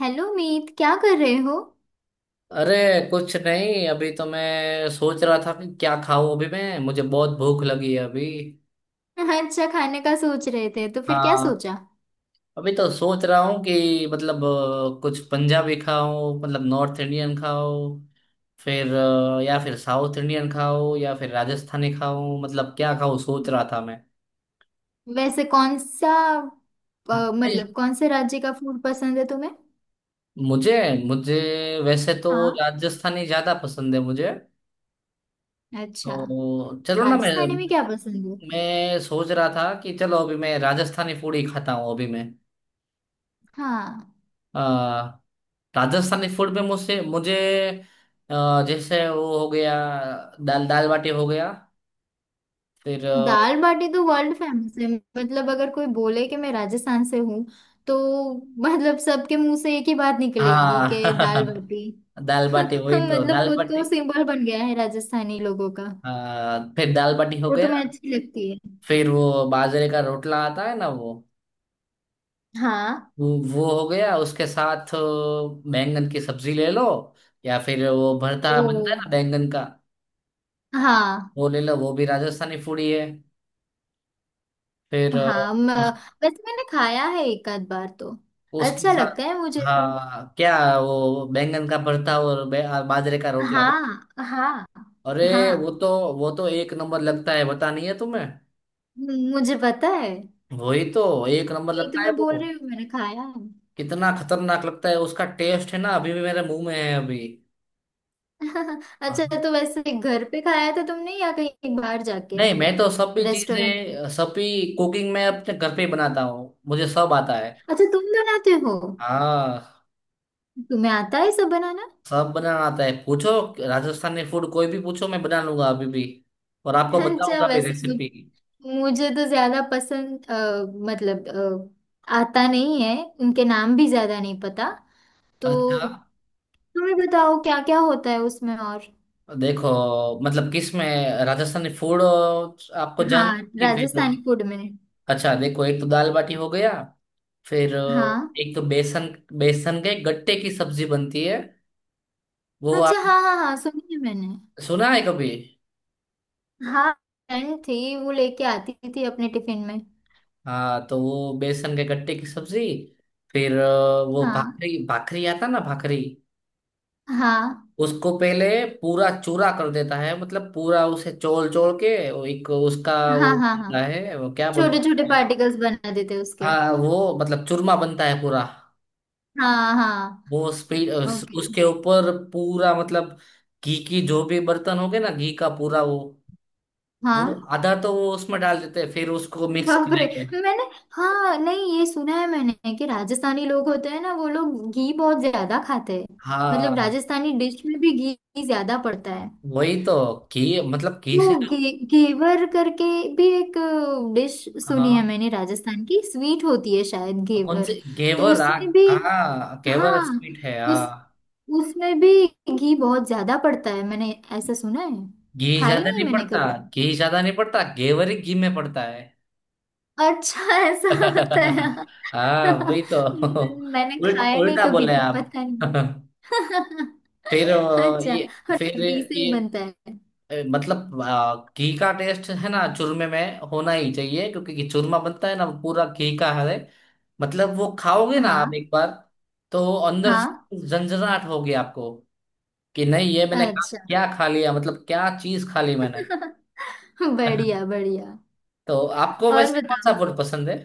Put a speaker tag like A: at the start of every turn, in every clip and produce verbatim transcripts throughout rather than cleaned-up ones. A: Hello Meet, क्या कर रहे हो।
B: अरे, कुछ नहीं। अभी तो मैं सोच रहा था कि क्या खाऊं। अभी मैं मुझे बहुत भूख लगी है अभी।
A: हाँ, अच्छा खाने का सोच रहे थे तो फिर क्या
B: हाँ,
A: सोचा।
B: अभी तो सोच रहा हूँ कि मतलब अ, कुछ पंजाबी खाऊं, मतलब नॉर्थ इंडियन खाऊं, फिर अ, या फिर साउथ इंडियन खाऊं, या फिर राजस्थानी खाऊं। मतलब क्या खाऊं सोच रहा था मैं।
A: वैसे कौन सा अ,
B: नहीं,
A: मतलब कौन से राज्य का फूड पसंद है तुम्हें।
B: मुझे मुझे वैसे तो
A: हाँ,
B: राजस्थानी ज्यादा पसंद है मुझे।
A: अच्छा।
B: तो चलो ना, मैं
A: राजस्थानी में क्या पसंद है।
B: मैं सोच रहा था कि चलो, अभी मैं राजस्थानी फूड ही खाता हूँ अभी मैं।
A: हाँ।
B: अ, राजस्थानी फूड में मुझसे मुझे अ, जैसे वो हो गया, दाल दाल बाटी हो गया, फिर अ,
A: दाल बाटी तो वर्ल्ड फेमस है। मतलब अगर कोई बोले कि मैं राजस्थान से हूँ तो मतलब सबके मुंह से एक ही बात निकलेगी कि दाल
B: हाँ।
A: बाटी।
B: दाल बाटी, वही तो
A: मतलब
B: दाल
A: वो तो
B: बाटी।
A: सिंबल बन गया है राजस्थानी लोगों का।
B: अ, फिर दाल बाटी हो
A: वो तुम्हें
B: गया,
A: अच्छी लगती है।
B: फिर वो बाजरे का रोटला आता है ना, वो
A: हाँ।
B: वो वो हो गया। उसके साथ अ, बैंगन की सब्जी ले लो, या फिर वो भरता
A: ओ,
B: बनता है ना बैंगन का,
A: हाँ।
B: वो ले लो, वो भी राजस्थानी फूड ही है। फिर अ,
A: हाँ, म, वैसे मैंने खाया है एक आध बार तो।
B: उसके
A: अच्छा
B: साथ
A: लगता है मुझे भी।
B: हाँ क्या, वो बैंगन का भरता और बे- आ, बाजरे का रोटला, वो
A: हाँ, हाँ,
B: अरे,
A: हाँ।
B: वो तो वो तो एक नंबर लगता है, पता नहीं है तुम्हें।
A: मुझे पता है यही।
B: वही तो, एक नंबर
A: तो
B: लगता है
A: मैं बोल
B: वो।
A: रही हूँ, मैंने खाया है।
B: कितना खतरनाक लगता है, उसका टेस्ट है ना अभी भी मेरे मुंह में है अभी।
A: अच्छा,
B: हाँ।
A: तो वैसे घर पे खाया था तुमने या कहीं बाहर जाके।
B: नहीं, मैं तो सभी
A: रेस्टोरेंट।
B: चीजें, सभी कुकिंग मैं अपने घर पे ही बनाता हूँ, मुझे सब आता है।
A: अच्छा, तुम बनाते हो।
B: हाँ,
A: तुम्हें आता है सब बनाना।
B: सब बनाना आता है, पूछो। राजस्थानी फूड कोई भी पूछो, मैं बना लूंगा अभी भी, और आपको
A: अच्छा,
B: बताऊंगा भी
A: वैसे
B: रेसिपी।
A: मुझ- मुझे तो ज्यादा पसंद, अ, मतलब, अ, आता नहीं है। उनके नाम भी ज्यादा नहीं पता, तो
B: अच्छा
A: तुम्हें बताओ क्या क्या होता है उसमें और।
B: देखो, मतलब किस में, राजस्थानी फूड आपको जानना
A: हाँ,
B: है कि फिर।
A: राजस्थानी फूड में।
B: अच्छा देखो, एक तो दाल बाटी हो गया, फिर अ,
A: हाँ।
B: एक तो बेसन बेसन के गट्टे की सब्जी बनती है। वो
A: अच्छा,
B: आप
A: हाँ हाँ हाँ, सुनी है मैंने।
B: सुना है कभी।
A: हाँ, फ्रेंड थी, वो लेके आती थी अपने टिफिन में।
B: हाँ, तो वो बेसन के गट्टे की सब्जी। फिर अ, वो
A: हाँ,
B: भाखरी भाखरी आता ना, भाखरी।
A: हाँ,
B: उसको पहले पूरा चूरा कर देता है, मतलब पूरा उसे चोल चोल के वो एक उसका वो
A: हाँ। हाँ, हाँ।
B: बनता है, वो क्या
A: छोटे छोटे
B: बोलते हैं।
A: पार्टिकल्स बना देते उसके।
B: हाँ, वो मतलब चूरमा बनता है पूरा।
A: हाँ, हाँ।
B: वो स्पीड
A: ओके।
B: उसके ऊपर पूरा, मतलब घी की जो भी बर्तन हो गए ना, घी का पूरा वो वो
A: हाँ।
B: आधा तो वो उसमें डाल देते हैं, फिर उसको मिक्स
A: बाप रे।
B: करेंगे।
A: मैंने, हाँ नहीं, ये सुना है मैंने कि राजस्थानी लोग होते हैं ना, वो लोग घी बहुत ज्यादा खाते हैं। मतलब
B: हाँ
A: राजस्थानी डिश में भी घी ज्यादा पड़ता है।
B: वही तो, घी मतलब घी
A: वो
B: से।
A: गे, घेवर करके भी एक डिश सुनी है
B: हाँ,
A: मैंने, राजस्थान की स्वीट होती है शायद
B: कौन
A: घेवर।
B: से
A: तो
B: घेवर,
A: उसमें भी,
B: हाँ हाँ, घेवर
A: हाँ,
B: स्वीट है
A: उस
B: हाँ।
A: उसमें भी घी बहुत ज्यादा पड़ता है, मैंने ऐसा सुना है।
B: घी
A: खाई
B: ज्यादा
A: नहीं
B: नहीं
A: मैंने
B: पड़ता,
A: कभी।
B: घी ज्यादा नहीं पड़ता, घेवर ही घी में पड़ता है।
A: अच्छा, ऐसा होता है।
B: हाँ वही तो।
A: मैंने
B: उल्टा
A: खाया नहीं
B: उल्टा
A: कभी,
B: बोले
A: पता
B: आप।
A: नहीं।
B: फिर अ,
A: अच्छा,
B: ये
A: और
B: फिर
A: डबली से ही
B: ये
A: बनता है।
B: ए, मतलब आ, घी का टेस्ट है ना, चूरमे में होना ही चाहिए, क्योंकि घी- चूरमा बनता है ना, वो पूरा घी का है। मतलब वो खाओगे ना आप
A: हाँ
B: एक बार, तो अंदर
A: हाँ।
B: से झंझनाहट होगी आपको कि नहीं, ये मैंने खा,
A: अच्छा।
B: क्या खा लिया, मतलब क्या चीज खा ली मैंने।
A: बढ़िया बढ़िया।
B: तो आपको
A: और
B: वैसे कौन सा
A: बताओ।
B: फूड पसंद है।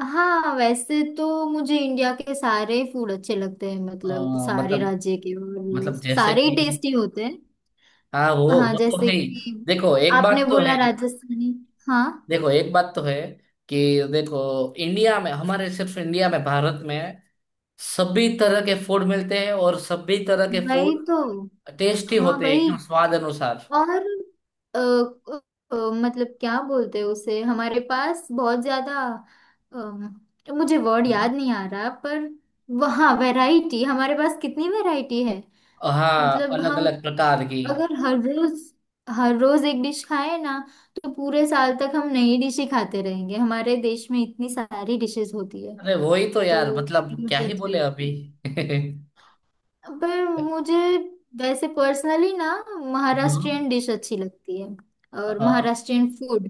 A: हाँ, वैसे तो मुझे इंडिया के सारे फूड अच्छे लगते हैं,
B: अ,
A: मतलब सारे
B: मतलब
A: राज्य के, और वो
B: मतलब जैसे
A: सारे ही
B: कि
A: टेस्टी होते हैं।
B: हाँ, वो
A: हाँ,
B: वो तो
A: जैसे
B: है ही।
A: कि
B: देखो एक
A: आपने
B: बात तो
A: बोला
B: है,
A: राजस्थानी। हाँ,
B: देखो एक बात तो है कि देखो, इंडिया में हमारे, सिर्फ इंडिया में, भारत में सभी तरह के फूड मिलते हैं, और सभी तरह के
A: वही
B: फूड
A: तो।
B: टेस्टी
A: हाँ,
B: होते हैं,
A: वही।
B: एकदम स्वाद अनुसार।
A: और अ, अ, अ, मतलब क्या बोलते हैं उसे, हमारे पास बहुत ज्यादा, अम, मुझे वर्ड याद
B: मतलब
A: नहीं आ रहा, पर वहाँ वैरायटी, हमारे पास कितनी वैरायटी है।
B: हाँ,
A: मतलब
B: अलग
A: हम
B: अलग प्रकार की।
A: अगर हर रोज हर रोज एक डिश खाएं ना, तो पूरे साल तक हम नई डिश ही खाते रहेंगे। हमारे देश में इतनी सारी डिशेस होती है।
B: अरे वही तो यार,
A: तो
B: मतलब क्या
A: मुझे
B: ही
A: अच्छी
B: बोले
A: लगती
B: अभी।
A: है। पर मुझे, वैसे पर्सनली ना,
B: हम्म।
A: महाराष्ट्रियन डिश अच्छी लगती है। और
B: अ,
A: महाराष्ट्रियन फूड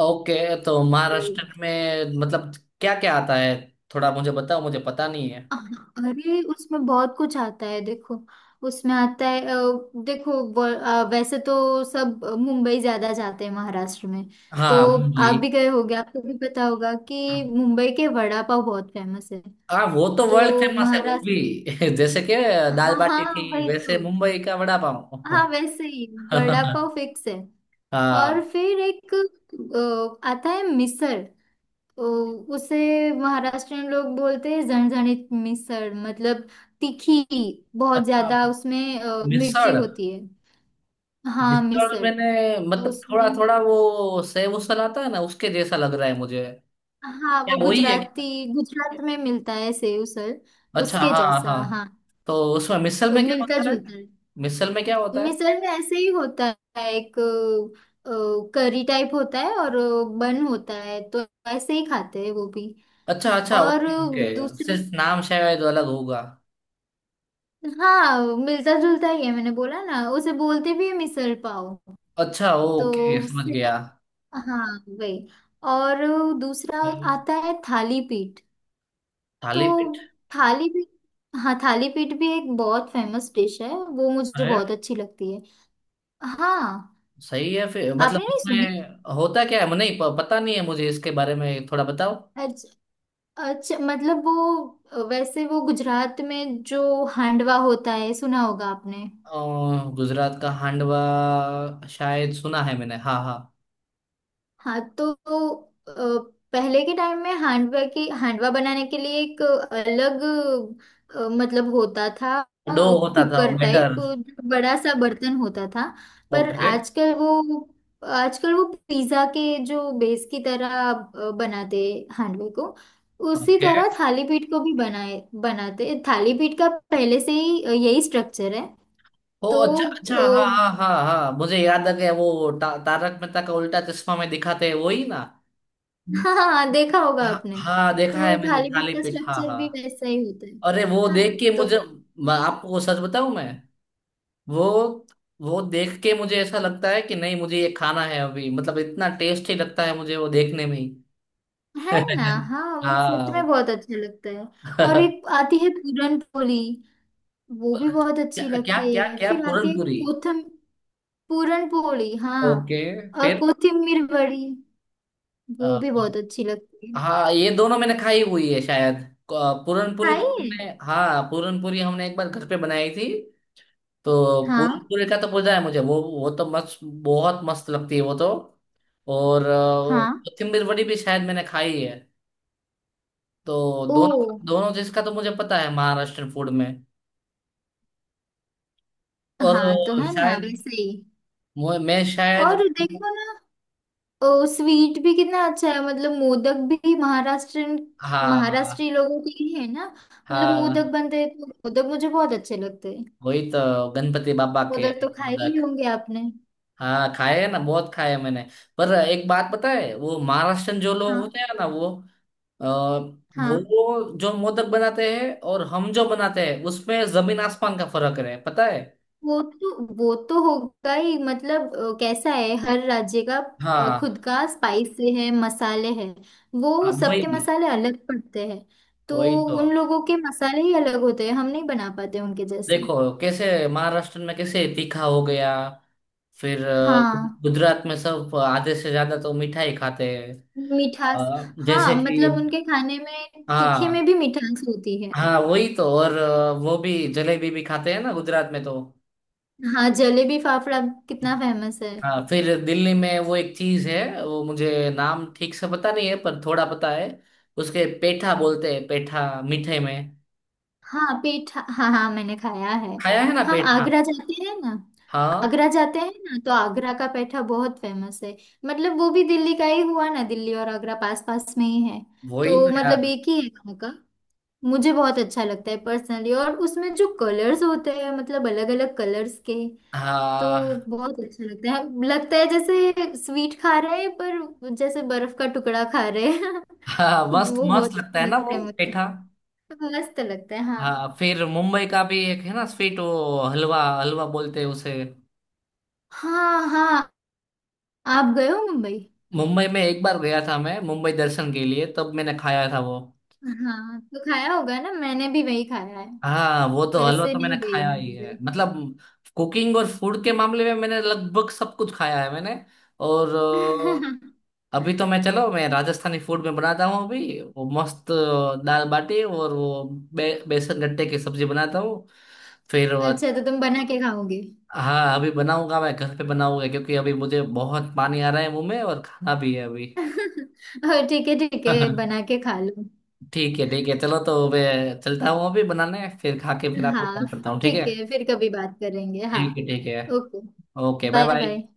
B: ओके, तो
A: तो,
B: महाराष्ट्र में मतलब क्या क्या आता है, थोड़ा मुझे बताओ, मुझे पता नहीं है।
A: अरे उसमें बहुत कुछ आता है। देखो, उसमें आता है अ, देखो, व- अ, वैसे तो सब मुंबई ज्यादा जाते हैं महाराष्ट्र में। तो
B: हाँ मुंबई।
A: आप भी गए होगे, आपको भी पता होगा कि मुंबई के वड़ा पाव बहुत फेमस है।
B: हाँ, वो तो वर्ल्ड
A: तो
B: फेमस है वो
A: महाराष्ट्र,
B: भी। जैसे कि दाल
A: हाँ
B: बाटी
A: हाँ,
B: थी,
A: वही
B: वैसे
A: तो।
B: मुंबई का वड़ा पाव।
A: हाँ, वैसे ही, वड़ा पाव फिक्स है।
B: हाँ
A: और फिर एक अ, आता है मिसल। ओ, उसे महाराष्ट्रियन लोग बोलते हैं झणझणीत मिसळ, मतलब तीखी बहुत ज्यादा, उसमें अ, मिर्ची
B: मिसल।
A: होती है। हाँ
B: जितना भी
A: मिसळ।
B: मैंने,
A: तो
B: मतलब थोड़ा
A: उसमें,
B: थोड़ा, वो सेब उसल आता है ना, उसके जैसा लग रहा है मुझे।
A: हाँ, वो
B: क्या वही है
A: गुजराती,
B: क्या।
A: गुजरात में मिलता है सेव उसल,
B: अच्छा
A: उसके
B: हाँ
A: जैसा,
B: हाँ।
A: हाँ,
B: तो उसमें मिसल
A: अ,
B: में क्या
A: मिलता
B: होता है,
A: जुलता है।
B: मिसल में क्या होता है।
A: मिसळ में ऐसे ही होता है, एक करी टाइप होता है, और अ, बन होता है। तो ऐसे ही खाते हैं वो भी।
B: अच्छा अच्छा,
A: और
B: ओके ओके,
A: दूसरा,
B: सिर्फ नाम शायद अलग होगा।
A: हाँ मिलता जुलता ही है, मैंने बोला ना, उसे बोलते भी है मिसल पाव।
B: अच्छा
A: तो
B: ओके, समझ
A: उससे,
B: गया।
A: हाँ, वही। और दूसरा आता है थाली पीठ। तो
B: थाली पीठ।
A: थाली पीठ, हाँ थाली पीठ भी एक बहुत फेमस डिश है, वो मुझे
B: अरे
A: बहुत अच्छी लगती है। हाँ,
B: सही है। फिर मतलब
A: आपने नहीं सुनी।
B: उसमें होता क्या है, मुझे नहीं प- पता नहीं है मुझे, इसके बारे में थोड़ा बताओ।
A: अच्छा, अच्छा मतलब वो, वैसे वो गुजरात में जो हांडवा होता है, सुना होगा आपने।
B: अ, गुजरात का हांडवा शायद सुना है मैंने हाँ हाँ।
A: हाँ, तो अ, पहले के टाइम में हांडवा की, हांडवा बनाने के लिए एक अलग अ, मतलब होता था, अ,
B: डो होता था वो
A: कुकर टाइप
B: बैटर।
A: बड़ा सा बर्तन होता था। पर
B: ओके
A: आजकल वो, आजकल वो पिज्जा के जो बेस की तरह अ, बनाते हांडवे को, उसी
B: ओके।
A: तरह थाली पीठ को भी बनाए बनाते। थाली पीठ का पहले से ही अ, यही स्ट्रक्चर है।
B: ओ
A: तो
B: अच्छा अच्छा हाँ। हाँ हाँ हाँ, मुझे याद आ गया, वो ता, तारक मेहता का उल्टा चश्मा में दिखाते हैं, वही ना।
A: हाँ हाँ, देखा होगा
B: हाँ
A: आपने।
B: हाँ, देखा है
A: तो
B: मैंने
A: थाली पीठ
B: थाली
A: का
B: पीठ, हाँ
A: स्ट्रक्चर भी
B: हाँ।
A: वैसा ही होता है।
B: अरे वो
A: हाँ,
B: देख के
A: तो
B: मुझे, मैं आपको सच बताऊं, मैं वो वो देख के मुझे ऐसा लगता है कि नहीं, मुझे ये खाना है अभी, मतलब इतना टेस्टी लगता है मुझे वो देखने में ही।
A: है ना। हाँ, वो सच में
B: हाँ।
A: बहुत अच्छा लगता है। और
B: क्या
A: एक आती है पूरन पोली, वो भी बहुत अच्छी
B: क्या
A: लगती
B: क्या
A: है।
B: क्या
A: फिर आती
B: पूरन
A: है
B: पूरी।
A: कोथम, पूरन पोली हाँ,
B: ओके,
A: और
B: फिर
A: कोथिमीर बड़ी, वो
B: अ,
A: भी बहुत अच्छी लगती है।
B: हाँ, ये दोनों मैंने खाई हुई है शायद। क- पूरनपुरी
A: खाई
B: तो
A: है।
B: हमने, हाँ, पूरनपुरी हमने एक बार घर पे बनाई थी, तो
A: हाँ,
B: पूरनपुरी का तो पता है मुझे, वो वो तो मस्त, बहुत मस्त लगती है वो तो। और अ,
A: हाँ।
B: कोथिम्बीर वड़ी भी शायद मैंने खाई है, तो
A: ओ।
B: दोनों, दोनों जिसका तो मुझे पता है महाराष्ट्र फूड में। और
A: हाँ, तो
B: अ,
A: है ना,
B: शायद
A: वैसे ही।
B: मु- मैं शायद
A: और देखो ना, ओ स्वीट भी कितना अच्छा है, मतलब मोदक भी महाराष्ट्रन,
B: हाँ
A: महाराष्ट्री लोगों के लिए है ना। मतलब मोदक
B: हाँ
A: बनते हैं, तो मोदक मुझे बहुत अच्छे लगते हैं।
B: वही तो, गणपति बाबा के।
A: मोदक तो खाए ही होंगे आपने।
B: हाँ, खाए हैं ना, बहुत खाए हैं मैंने। पर एक बात पता है, वो महाराष्ट्रन जो लोग
A: हाँ।
B: होते हैं ना वो अ,
A: हाँ,
B: वो जो मोदक बनाते हैं और हम जो बनाते हैं, उसमें जमीन आसमान का फर्क है, पता है।
A: वो तो, वो तो होगा ही, मतलब अ, कैसा है हर राज्य का, अ,
B: हाँ
A: खुद का स्पाइसी है, मसाले हैं,
B: हाँ,
A: वो सबके
B: वही
A: मसाले अलग पड़ते हैं। तो
B: वही तो।
A: उन लोगों के मसाले ही अलग होते हैं, हम नहीं बना पाते उनके जैसे।
B: देखो कैसे, महाराष्ट्र में कैसे तीखा हो गया। फिर अ,
A: हाँ,
B: गुजरात में सब आधे से ज्यादा तो मिठाई खाते हैं।
A: मिठास।
B: अ,
A: हाँ,
B: जैसे कि
A: मतलब उनके खाने में तीखे में
B: हाँ
A: भी मिठास होती है।
B: हाँ वही तो। और अ, वो भी जलेबी भी खाते हैं ना गुजरात में तो।
A: हाँ, जलेबी फाफड़ा, कितना फेमस है।
B: हाँ, फिर दिल्ली में वो एक चीज है, वो मुझे नाम ठीक से पता नहीं है, पर थोड़ा पता है। उसके पेठा बोलते हैं, पेठा, मीठे में।
A: हाँ, पीठा, हाँ हाँ मैंने खाया है।
B: खाया है ना
A: हम
B: पेठा।
A: आगरा जाते हैं ना,
B: हाँ
A: आगरा जाते हैं ना, तो आगरा का पेठा बहुत फेमस है। मतलब वो भी दिल्ली का ही हुआ ना, दिल्ली और आगरा पास पास में ही है।
B: वही तो
A: तो मतलब
B: यार।
A: एक ही है वहाँ का। मुझे बहुत अच्छा लगता है पर्सनली, और उसमें जो कलर्स होते हैं, मतलब अलग अलग कलर्स के, तो
B: हाँ
A: बहुत अच्छा लगता है। लगता है जैसे स्वीट खा रहे हैं, पर जैसे बर्फ का टुकड़ा खा रहे हैं।
B: हाँ, मस्त
A: वो
B: मस्त
A: बहुत
B: लगता है
A: अच्छा
B: ना
A: लगता
B: वो
A: है मुझे।
B: पेठा।
A: मस्त लगता है, हाँ।
B: हाँ, फिर मुंबई का भी एक है ना स्वीट, वो हलवा, हलवा बोलते हैं उसे।
A: हाँ, हाँ। आप गए हो मुंबई।
B: मुंबई में एक बार गया था मैं, मुंबई दर्शन के लिए, तब मैंने खाया था वो।
A: हाँ, तो खाया होगा ना, मैंने भी वही खाया है।
B: हाँ, वो तो हलवा
A: वैसे
B: तो मैंने
A: नहीं गई
B: खाया
A: मैं
B: ही है।
A: मुंबई।
B: मतलब कुकिंग और फूड के मामले में मैंने लगभग सब कुछ खाया है मैंने। और अ, अभी तो मैं, चलो मैं राजस्थानी फूड में बनाता हूँ अभी, वो मस्त अ, दाल बाटी और वो बे, बेसन गट्टे की सब्जी बनाता हूँ, फिर वो-
A: अच्छा, तो तुम बना के खाओगे।
B: हाँ अभी बनाऊंगा मैं, घर पे बनाऊंगा, क्योंकि अभी मुझे बहुत पानी आ रहा है मुंह में, और खाना भी है अभी।
A: और ठीक है ठीक है, बना के खा लो।
B: ठीक है ठीक है, चलो तो मैं चलता हूँ अभी बनाने, फिर खा के फिर आपको
A: हाँ,
B: कॉल करता हूँ, ठीक है।
A: ठीक है, फिर कभी बात करेंगे, हाँ।
B: ठीक है ठीक है।
A: Okay,
B: okay, bye
A: bye
B: bye.
A: Bye.